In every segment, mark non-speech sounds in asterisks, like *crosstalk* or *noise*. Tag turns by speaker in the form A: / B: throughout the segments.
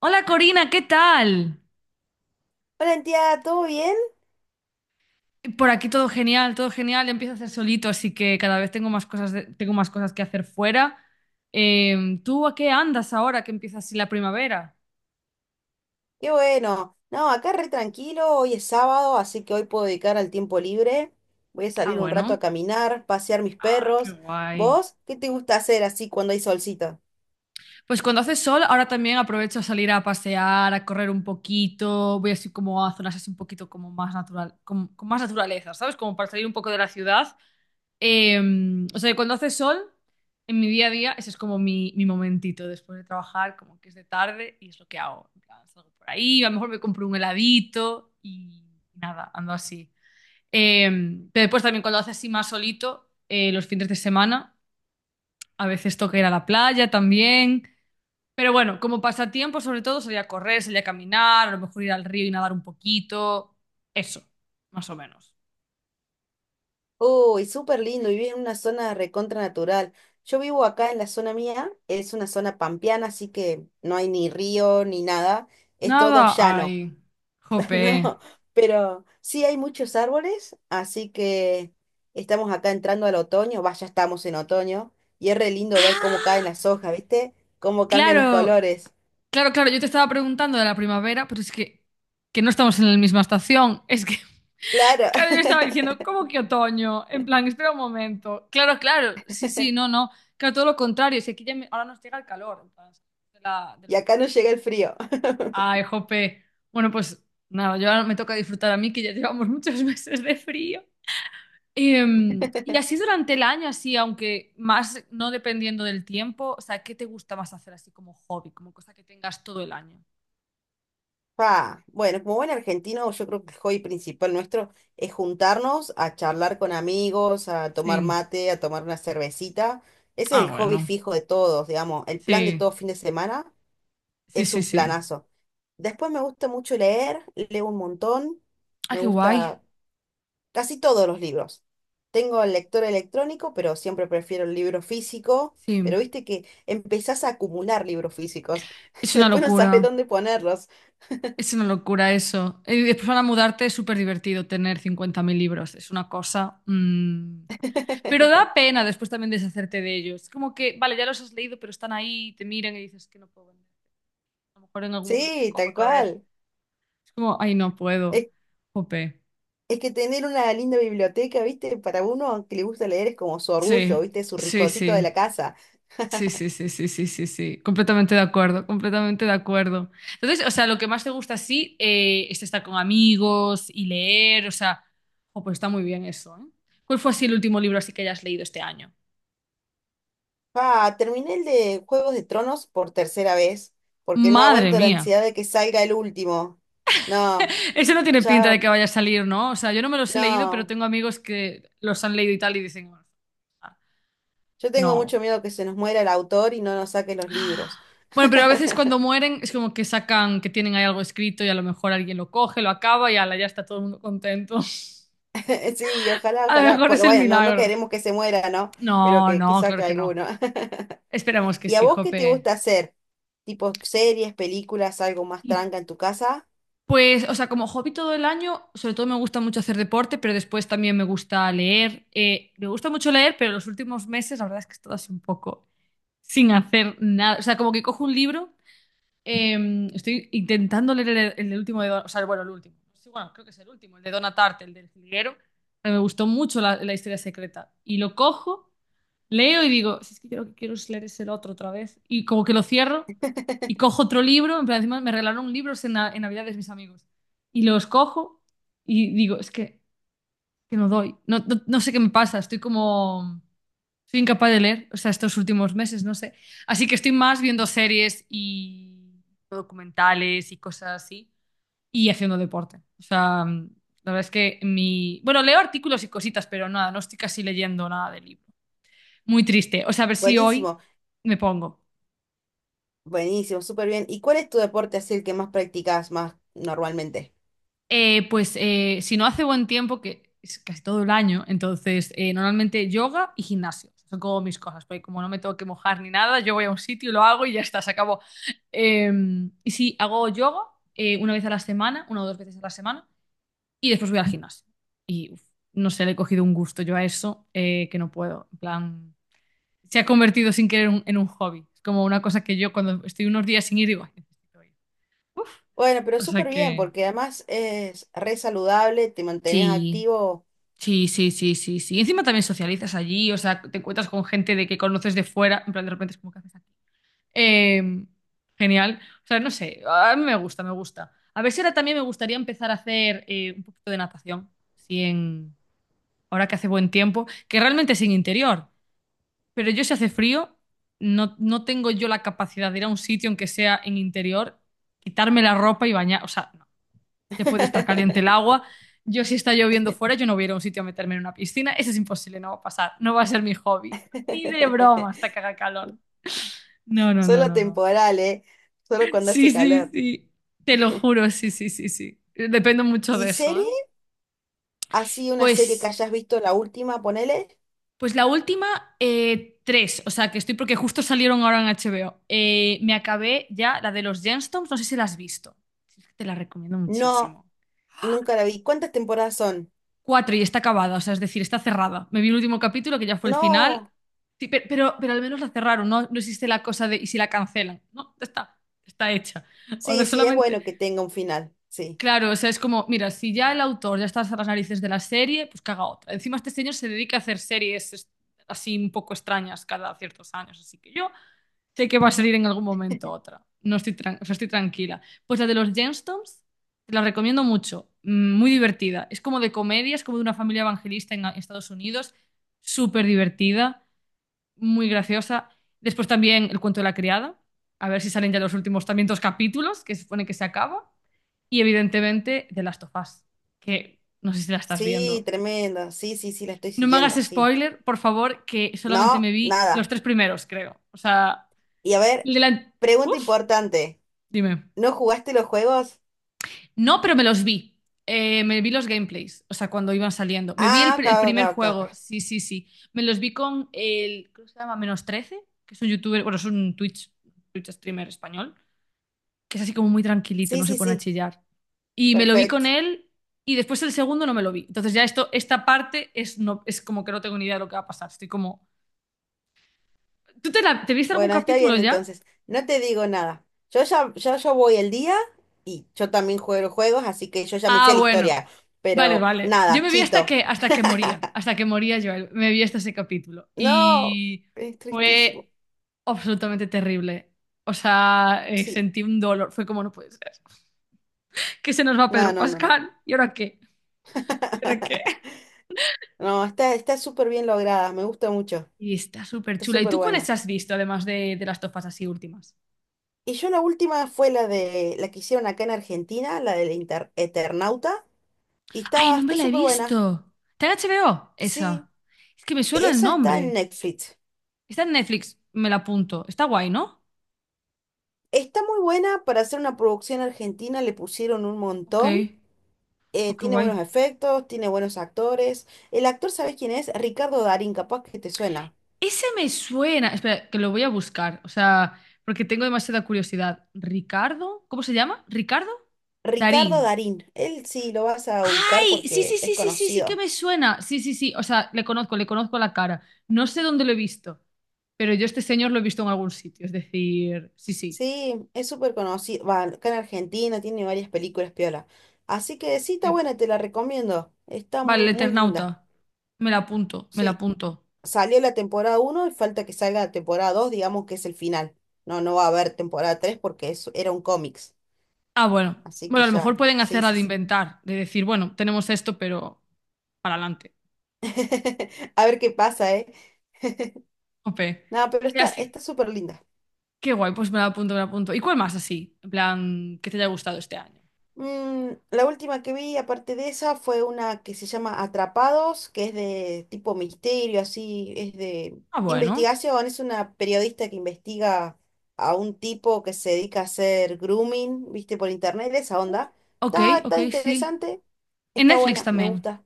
A: Hola Corina, ¿qué tal?
B: Hola, Antía, ¿todo bien?
A: Por aquí todo genial, todo genial. Empiezo a hacer solito, así que cada vez tengo más cosas, tengo más cosas que hacer fuera. ¿Tú a qué andas ahora que empieza así la primavera?
B: Qué bueno. No, acá re tranquilo, hoy es sábado, así que hoy puedo dedicar al tiempo libre. Voy a
A: Ah,
B: salir un rato a
A: bueno,
B: caminar, pasear mis
A: qué
B: perros.
A: guay.
B: ¿Vos qué te gusta hacer así cuando hay solcito?
A: Pues cuando hace sol, ahora también aprovecho a salir a pasear, a correr un poquito. Voy así como a zonas así un poquito como más natural, con más naturaleza, ¿sabes? Como para salir un poco de la ciudad. Eh, o sea, que cuando hace sol, en mi día a día, ese es como mi momentito después de trabajar, como que es de tarde y es lo que hago. En plan, salgo por ahí, a lo mejor me compro un heladito y nada, ando así. Eh, pero después también cuando hace así más solito, los fines de semana, a veces toca ir a la playa también. Pero bueno, como pasatiempo, sobre todo, salir a correr, salir a caminar, a lo mejor ir al río y nadar un poquito. Eso, más o menos.
B: Uy, súper lindo, vivís en una zona recontra natural. Yo vivo acá en la zona mía, es una zona pampeana, así que no hay ni río ni nada, es todo
A: Nada,
B: llano.
A: ay,
B: *laughs*
A: jope.
B: No, pero sí hay muchos árboles, así que estamos acá entrando al otoño, vaya, ya estamos en otoño, y es re lindo ver cómo caen las hojas, ¿viste? Cómo cambian los
A: Claro.
B: colores.
A: Claro, claro, yo te estaba preguntando de la primavera, pero es que no estamos en la misma estación. Es que,
B: Claro,
A: *laughs* claro, yo estaba
B: *laughs*
A: diciendo, ¿cómo que otoño? En plan, espera un momento. Claro, claro, sí, sí, no, no. Claro, todo lo contrario, si aquí ya ahora nos llega el calor, en plan, del
B: y acá
A: momento.
B: no llega el frío.
A: Ay, jope. Bueno, pues nada, yo ahora me toca disfrutar a mí, que ya llevamos muchos *laughs* meses de frío. Y así durante el año, así, aunque más no dependiendo del tiempo, o sea, ¿qué te gusta más hacer así como hobby, como cosa que tengas todo el año?
B: Pa, bueno, como buen argentino, yo creo que el hobby principal nuestro es juntarnos a charlar con amigos, a tomar
A: Sí.
B: mate, a tomar una cervecita. Ese es
A: Ah,
B: el hobby
A: bueno.
B: fijo de todos, digamos, el plan de todo
A: Sí,
B: fin de semana
A: sí,
B: es
A: sí,
B: un
A: sí.
B: planazo. Después me gusta mucho leer, leo un montón,
A: Ah,
B: me
A: qué guay.
B: gusta casi todos los libros. Tengo el lector electrónico, pero siempre prefiero el libro físico,
A: Sí.
B: pero viste que empezás a acumular libros físicos, *laughs*
A: Es una
B: después no sabes
A: locura.
B: dónde ponerlos.
A: Es una locura eso. Y después para mudarte es súper divertido tener 50.000 libros. Es una cosa... Pero
B: *laughs*
A: da pena después también deshacerte de ellos. Es como que, vale, ya los has leído, pero están ahí, te miran y dices que no puedo vender. A lo mejor en algún momento te
B: Sí,
A: cojo
B: tal
A: otra vez.
B: cual.
A: Es como, ay, no puedo.
B: Es,
A: Jope.
B: es que tener una linda biblioteca, viste, para uno que le gusta leer es como su orgullo,
A: Sí,
B: viste, su
A: sí,
B: ricocito de
A: sí.
B: la casa.
A: Sí, sí, sí, sí, sí, sí, sí. Completamente de acuerdo, completamente de acuerdo. Entonces, o sea, lo que más te gusta, sí, es estar con amigos y leer, o sea, oh, pues está muy bien eso, ¿eh? ¿Cuál fue así el último libro así que hayas leído este año?
B: Ah, terminé el de Juegos de Tronos por tercera vez, porque no
A: Madre
B: aguanto la
A: mía.
B: ansiedad de que salga el último. No,
A: Ese no tiene pinta de
B: ya,
A: que vaya a salir, ¿no? O sea, yo no me los he leído, pero
B: no.
A: tengo amigos que los han leído y tal y dicen, "Ah,
B: Yo tengo mucho
A: no."
B: miedo que se nos muera el autor y no nos saque los libros.
A: Bueno, pero a veces cuando
B: *laughs*
A: mueren es como que sacan que tienen ahí algo escrito y a lo mejor alguien lo coge, lo acaba y ala, ya está todo el mundo contento. *laughs*
B: Sí, ojalá,
A: A lo
B: ojalá.
A: mejor es
B: Pero
A: el
B: bueno, no, no
A: milagro.
B: queremos que se muera, ¿no? Pero
A: No,
B: que
A: no, claro
B: saque
A: que no.
B: alguno. *laughs*
A: Esperamos que
B: ¿Y a
A: sí,
B: vos qué te
A: jope.
B: gusta hacer? ¿Tipo series, películas, algo más
A: Y
B: tranca en tu casa?
A: pues, o sea, como hobby todo el año, sobre todo me gusta mucho hacer deporte, pero después también me gusta leer. Me gusta mucho leer, pero los últimos meses la verdad es que he estado así un poco sin hacer nada. O sea, como que cojo un libro. Estoy intentando leer el del último de o sea, bueno, el último. Sí, bueno, creo que es el último, el de Donna Tartt, el del jilguero. Pero me gustó mucho la historia secreta. Y lo cojo, leo y digo, si es que yo lo que quiero es leer ese otro otra vez. Y como que lo cierro y
B: *laughs*
A: cojo otro libro. En plan, encima me regalaron libros en, en Navidades mis amigos. Y los cojo y digo, es que no doy. No, no, no sé qué me pasa, estoy como... Soy incapaz de leer, o sea, estos últimos meses, no sé. Así que estoy más viendo series y documentales y cosas así y haciendo deporte. O sea, la verdad es que mi... Bueno, leo artículos y cositas, pero nada, no estoy casi leyendo nada de libro. Muy triste. O sea, a ver si hoy
B: Buenísimo,
A: me pongo.
B: buenísimo, súper bien. ¿Y cuál es tu deporte así el que más practicás más normalmente?
A: Pues si no hace buen tiempo, que es casi todo el año, entonces normalmente yoga y gimnasio. Son como mis cosas, porque como no me tengo que mojar ni nada, yo voy a un sitio, lo hago y ya está, se acabó. Eh, y sí, hago yoga una vez a la semana, una o dos veces a la semana, y después voy al gimnasio. Y uf, no sé, le he cogido un gusto yo a eso que no puedo. En plan, se ha convertido sin querer en un hobby. Es como una cosa que yo cuando estoy unos días sin ir digo, "Ay, necesito ir". Uf.
B: Bueno, pero
A: O sea
B: súper bien,
A: que
B: porque además es re saludable, te mantenías
A: sí.
B: activo.
A: Sí, sí, sí, sí, sí. Encima también socializas allí, o sea, te encuentras con gente de que conoces de fuera, en plan de repente es como que haces aquí. Eh, genial. O sea, no sé, a mí me gusta, me gusta. A ver si ahora también me gustaría empezar a hacer un poquito de natación, si en, ahora que hace buen tiempo, que realmente es en interior, pero yo si hace frío, no, no tengo yo la capacidad de ir a un sitio aunque sea en interior, quitarme la ropa y bañar, o sea, no te puede estar caliente el
B: *laughs*
A: agua. Yo si está lloviendo fuera, yo no voy a ir a un sitio a meterme en una piscina. Eso es imposible, no va a pasar. No va a ser mi hobby. Ni de broma hasta que haga calor. No, no, no,
B: Solo
A: no, no.
B: temporal, ¿eh? Solo cuando
A: Sí,
B: hace
A: sí,
B: calor.
A: sí. Te lo
B: *laughs*
A: juro, sí, sí, sí, sí. Dependo mucho
B: ¿Y
A: de eso,
B: serie?
A: ¿eh?
B: ¿Así una serie que
A: Pues,
B: hayas visto la última, ponele?
A: pues la última, tres. O sea, que estoy porque justo salieron ahora en HBO. Me acabé ya la de los Gemstones. No sé si la has visto. Te la recomiendo
B: No,
A: muchísimo.
B: nunca la vi. ¿Cuántas temporadas son?
A: Cuatro y está acabada, o sea, es decir, está cerrada. Me vi el último capítulo, que ya fue el final.
B: No.
A: Sí, pero, al menos la cerraron, ¿no? No existe la cosa de ¿y si la cancelan? No, ya está, está hecha. Ahora
B: Sí, sí, es
A: solamente.
B: bueno que tenga un final. Sí.
A: Claro, o sea, es como, mira, si ya el autor ya está hasta las narices de la serie, pues que haga otra. Encima este señor se dedica a hacer series así un poco extrañas cada ciertos años, así que yo sé que va a salir en algún momento otra. No estoy, o sea, estoy tranquila. Pues la de los Gemstones, te la recomiendo mucho. Muy divertida. Es como de comedia, es como de una familia evangelista en Estados Unidos. Súper divertida, muy graciosa. Después también El cuento de la criada. A ver si salen ya los últimos también dos capítulos, que se supone que se acaba. Y evidentemente de Last of Us, que no sé si la estás
B: Sí,
A: viendo.
B: tremendo. Sí, sí, sí, la estoy
A: No me hagas
B: siguiendo. Sí.
A: spoiler, por favor, que solamente me
B: No,
A: vi los
B: nada.
A: tres primeros, creo. O sea,
B: Y a ver,
A: el de la...
B: pregunta
A: Uf.
B: importante.
A: Dime.
B: ¿No jugaste los juegos?
A: No, pero me los vi. Me vi los gameplays, o sea, cuando iban saliendo. Me vi
B: Ah,
A: el
B: acá,
A: primer
B: acá, acá,
A: juego,
B: acá.
A: sí, sí, sí. Me los vi con el, ¿cómo se llama? Menos trece, que es un youtuber, bueno, es un Twitch streamer español, que es así como muy tranquilito,
B: Sí,
A: no se
B: sí,
A: pone a
B: sí,
A: chillar. Y me lo vi con
B: perfecto.
A: él y después el segundo no me lo vi. Entonces ya esto, esta parte es, no, es como que no tengo ni idea de lo que va a pasar. Estoy como... ¿Tú te, te viste algún
B: Bueno, está
A: capítulo
B: bien
A: ya?
B: entonces. No te digo nada. Yo ya, yo voy el día y yo también juego juegos, así que yo ya me sé
A: Ah,
B: la
A: bueno.
B: historia.
A: Vale,
B: Pero
A: vale. Yo
B: nada,
A: me vi
B: chito. *laughs*
A: hasta que moría Joel. Me vi hasta ese capítulo.
B: No,
A: Y
B: es tristísimo.
A: fue absolutamente terrible. O sea,
B: Sí.
A: sentí un dolor. Fue como no puede ser. Que se nos va
B: No,
A: Pedro
B: no, no, no.
A: Pascal. ¿Y ahora qué? ¿Y ahora qué?
B: *laughs* No, está, está súper bien lograda, me gusta mucho.
A: Y está súper
B: Está
A: chula. ¿Y
B: súper
A: tú cuáles
B: buena.
A: has visto, además de las tofas así últimas?
B: Y yo la última fue la de la que hicieron acá en Argentina, la del Inter- Eternauta, y
A: Ay,
B: está,
A: no me
B: está
A: la he
B: súper buena.
A: visto. ¿Está en HBO?
B: Sí,
A: Esa. Es que me suena el
B: esa está en
A: nombre.
B: Netflix.
A: Está en Netflix. Me la apunto. Está guay, ¿no?
B: Está muy buena para hacer una producción argentina, le pusieron un
A: Ok.
B: montón. Eh,
A: Oh, qué
B: tiene
A: guay.
B: buenos efectos, tiene buenos actores. El actor, ¿sabes quién es? Ricardo Darín, capaz que te suena.
A: Ese me suena. Espera, que lo voy a buscar. O sea, porque tengo demasiada curiosidad. ¿Ricardo? ¿Cómo se llama? ¿Ricardo?
B: Ricardo
A: Darín.
B: Darín, él sí lo vas a ubicar
A: ¡Ay! Sí,
B: porque
A: sí,
B: es
A: sí, sí, sí, sí que
B: conocido.
A: me suena. Sí, sí, sí. O sea, le conozco la cara. No sé dónde lo he visto, pero yo este señor lo he visto en algún sitio. Es decir, sí, sí.
B: Sí, es súper conocido. Va, acá en Argentina tiene varias películas piola. Así que sí, está
A: Sí.
B: buena, te la recomiendo. Está
A: Vale, el
B: muy, muy linda.
A: Eternauta. Me la apunto, me la
B: Sí,
A: apunto.
B: salió la temporada uno y falta que salga la temporada 2 digamos que es el final. No, no va a haber temporada 3 porque eso era un cómics.
A: Ah, bueno.
B: Así que
A: Bueno, a lo
B: ya,
A: mejor pueden
B: sí,
A: hacerla
B: sí,
A: de
B: sí.
A: inventar, de decir, bueno, tenemos esto, pero para adelante.
B: *laughs* A ver qué pasa, ¿eh?
A: Ope.
B: No, pero está, está súper linda.
A: Qué guay, pues me la apunto, me la apunto. ¿Y cuál más así? En plan, que te haya gustado este año.
B: La última que vi, aparte de esa, fue una que se llama Atrapados, que es de tipo misterio, así, es de
A: Ah, bueno.
B: investigación. Es una periodista que investiga a un tipo que se dedica a hacer grooming, viste, por internet, esa
A: Uh,
B: onda.
A: ok,
B: Está,
A: ok,
B: está
A: sí.
B: interesante,
A: En
B: está
A: Netflix
B: buena, me
A: también.
B: gusta.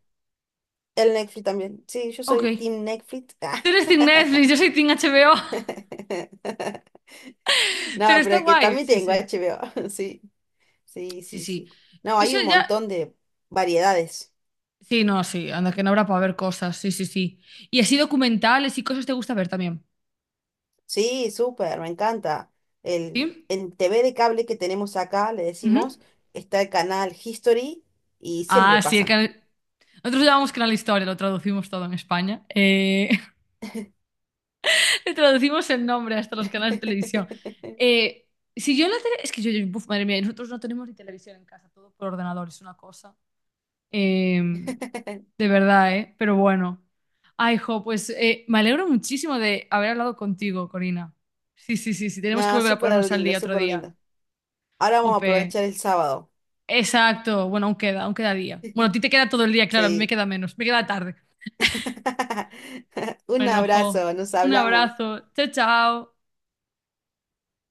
B: El Netflix también. Sí, yo
A: Ok.
B: soy Team Netflix.
A: Tú eres Team Netflix, yo soy Team HBO,
B: *laughs*
A: *laughs* pero
B: No,
A: está
B: pero que
A: guay.
B: también
A: Sí,
B: tengo
A: sí.
B: HBO. *laughs* Sí, sí,
A: Sí,
B: sí,
A: sí.
B: sí. No,
A: Yo
B: hay un
A: sé, ya...
B: montón de variedades.
A: Sí, no, sí. Anda, que no habrá para ver cosas. Sí, sí, sí. Y así documentales y cosas te gusta ver también.
B: Sí, súper, me encanta. El,
A: ¿Sí?
B: en TV de cable que tenemos acá, le
A: Ujú.
B: decimos, está el canal History y siempre
A: Ah, sí.
B: pasan.
A: Nosotros llamamos Canal Historia, lo traducimos todo en España. *laughs* Le traducimos el nombre hasta los canales de televisión.
B: *laughs*
A: Eh, si yo en la tele... Es que yo, buf, madre mía, nosotros no tenemos ni televisión en casa, todo por ordenador, es una cosa. Eh, de verdad, ¿eh? Pero bueno. Ay, jo, pues me alegro muchísimo de haber hablado contigo, Corina. Sí, sí, sí, sí, tenemos que
B: No,
A: volver a
B: súper
A: ponernos al
B: lindo,
A: día otro
B: súper
A: día.
B: lindo. Ahora vamos a
A: Jope.
B: aprovechar el sábado.
A: Exacto, bueno, aún queda día. Bueno, a ti te queda todo el día, claro, a mí me
B: Sí.
A: queda menos, me queda tarde.
B: *laughs* Un
A: Bueno, jo,
B: abrazo, nos
A: un
B: hablamos.
A: abrazo, chao, chao.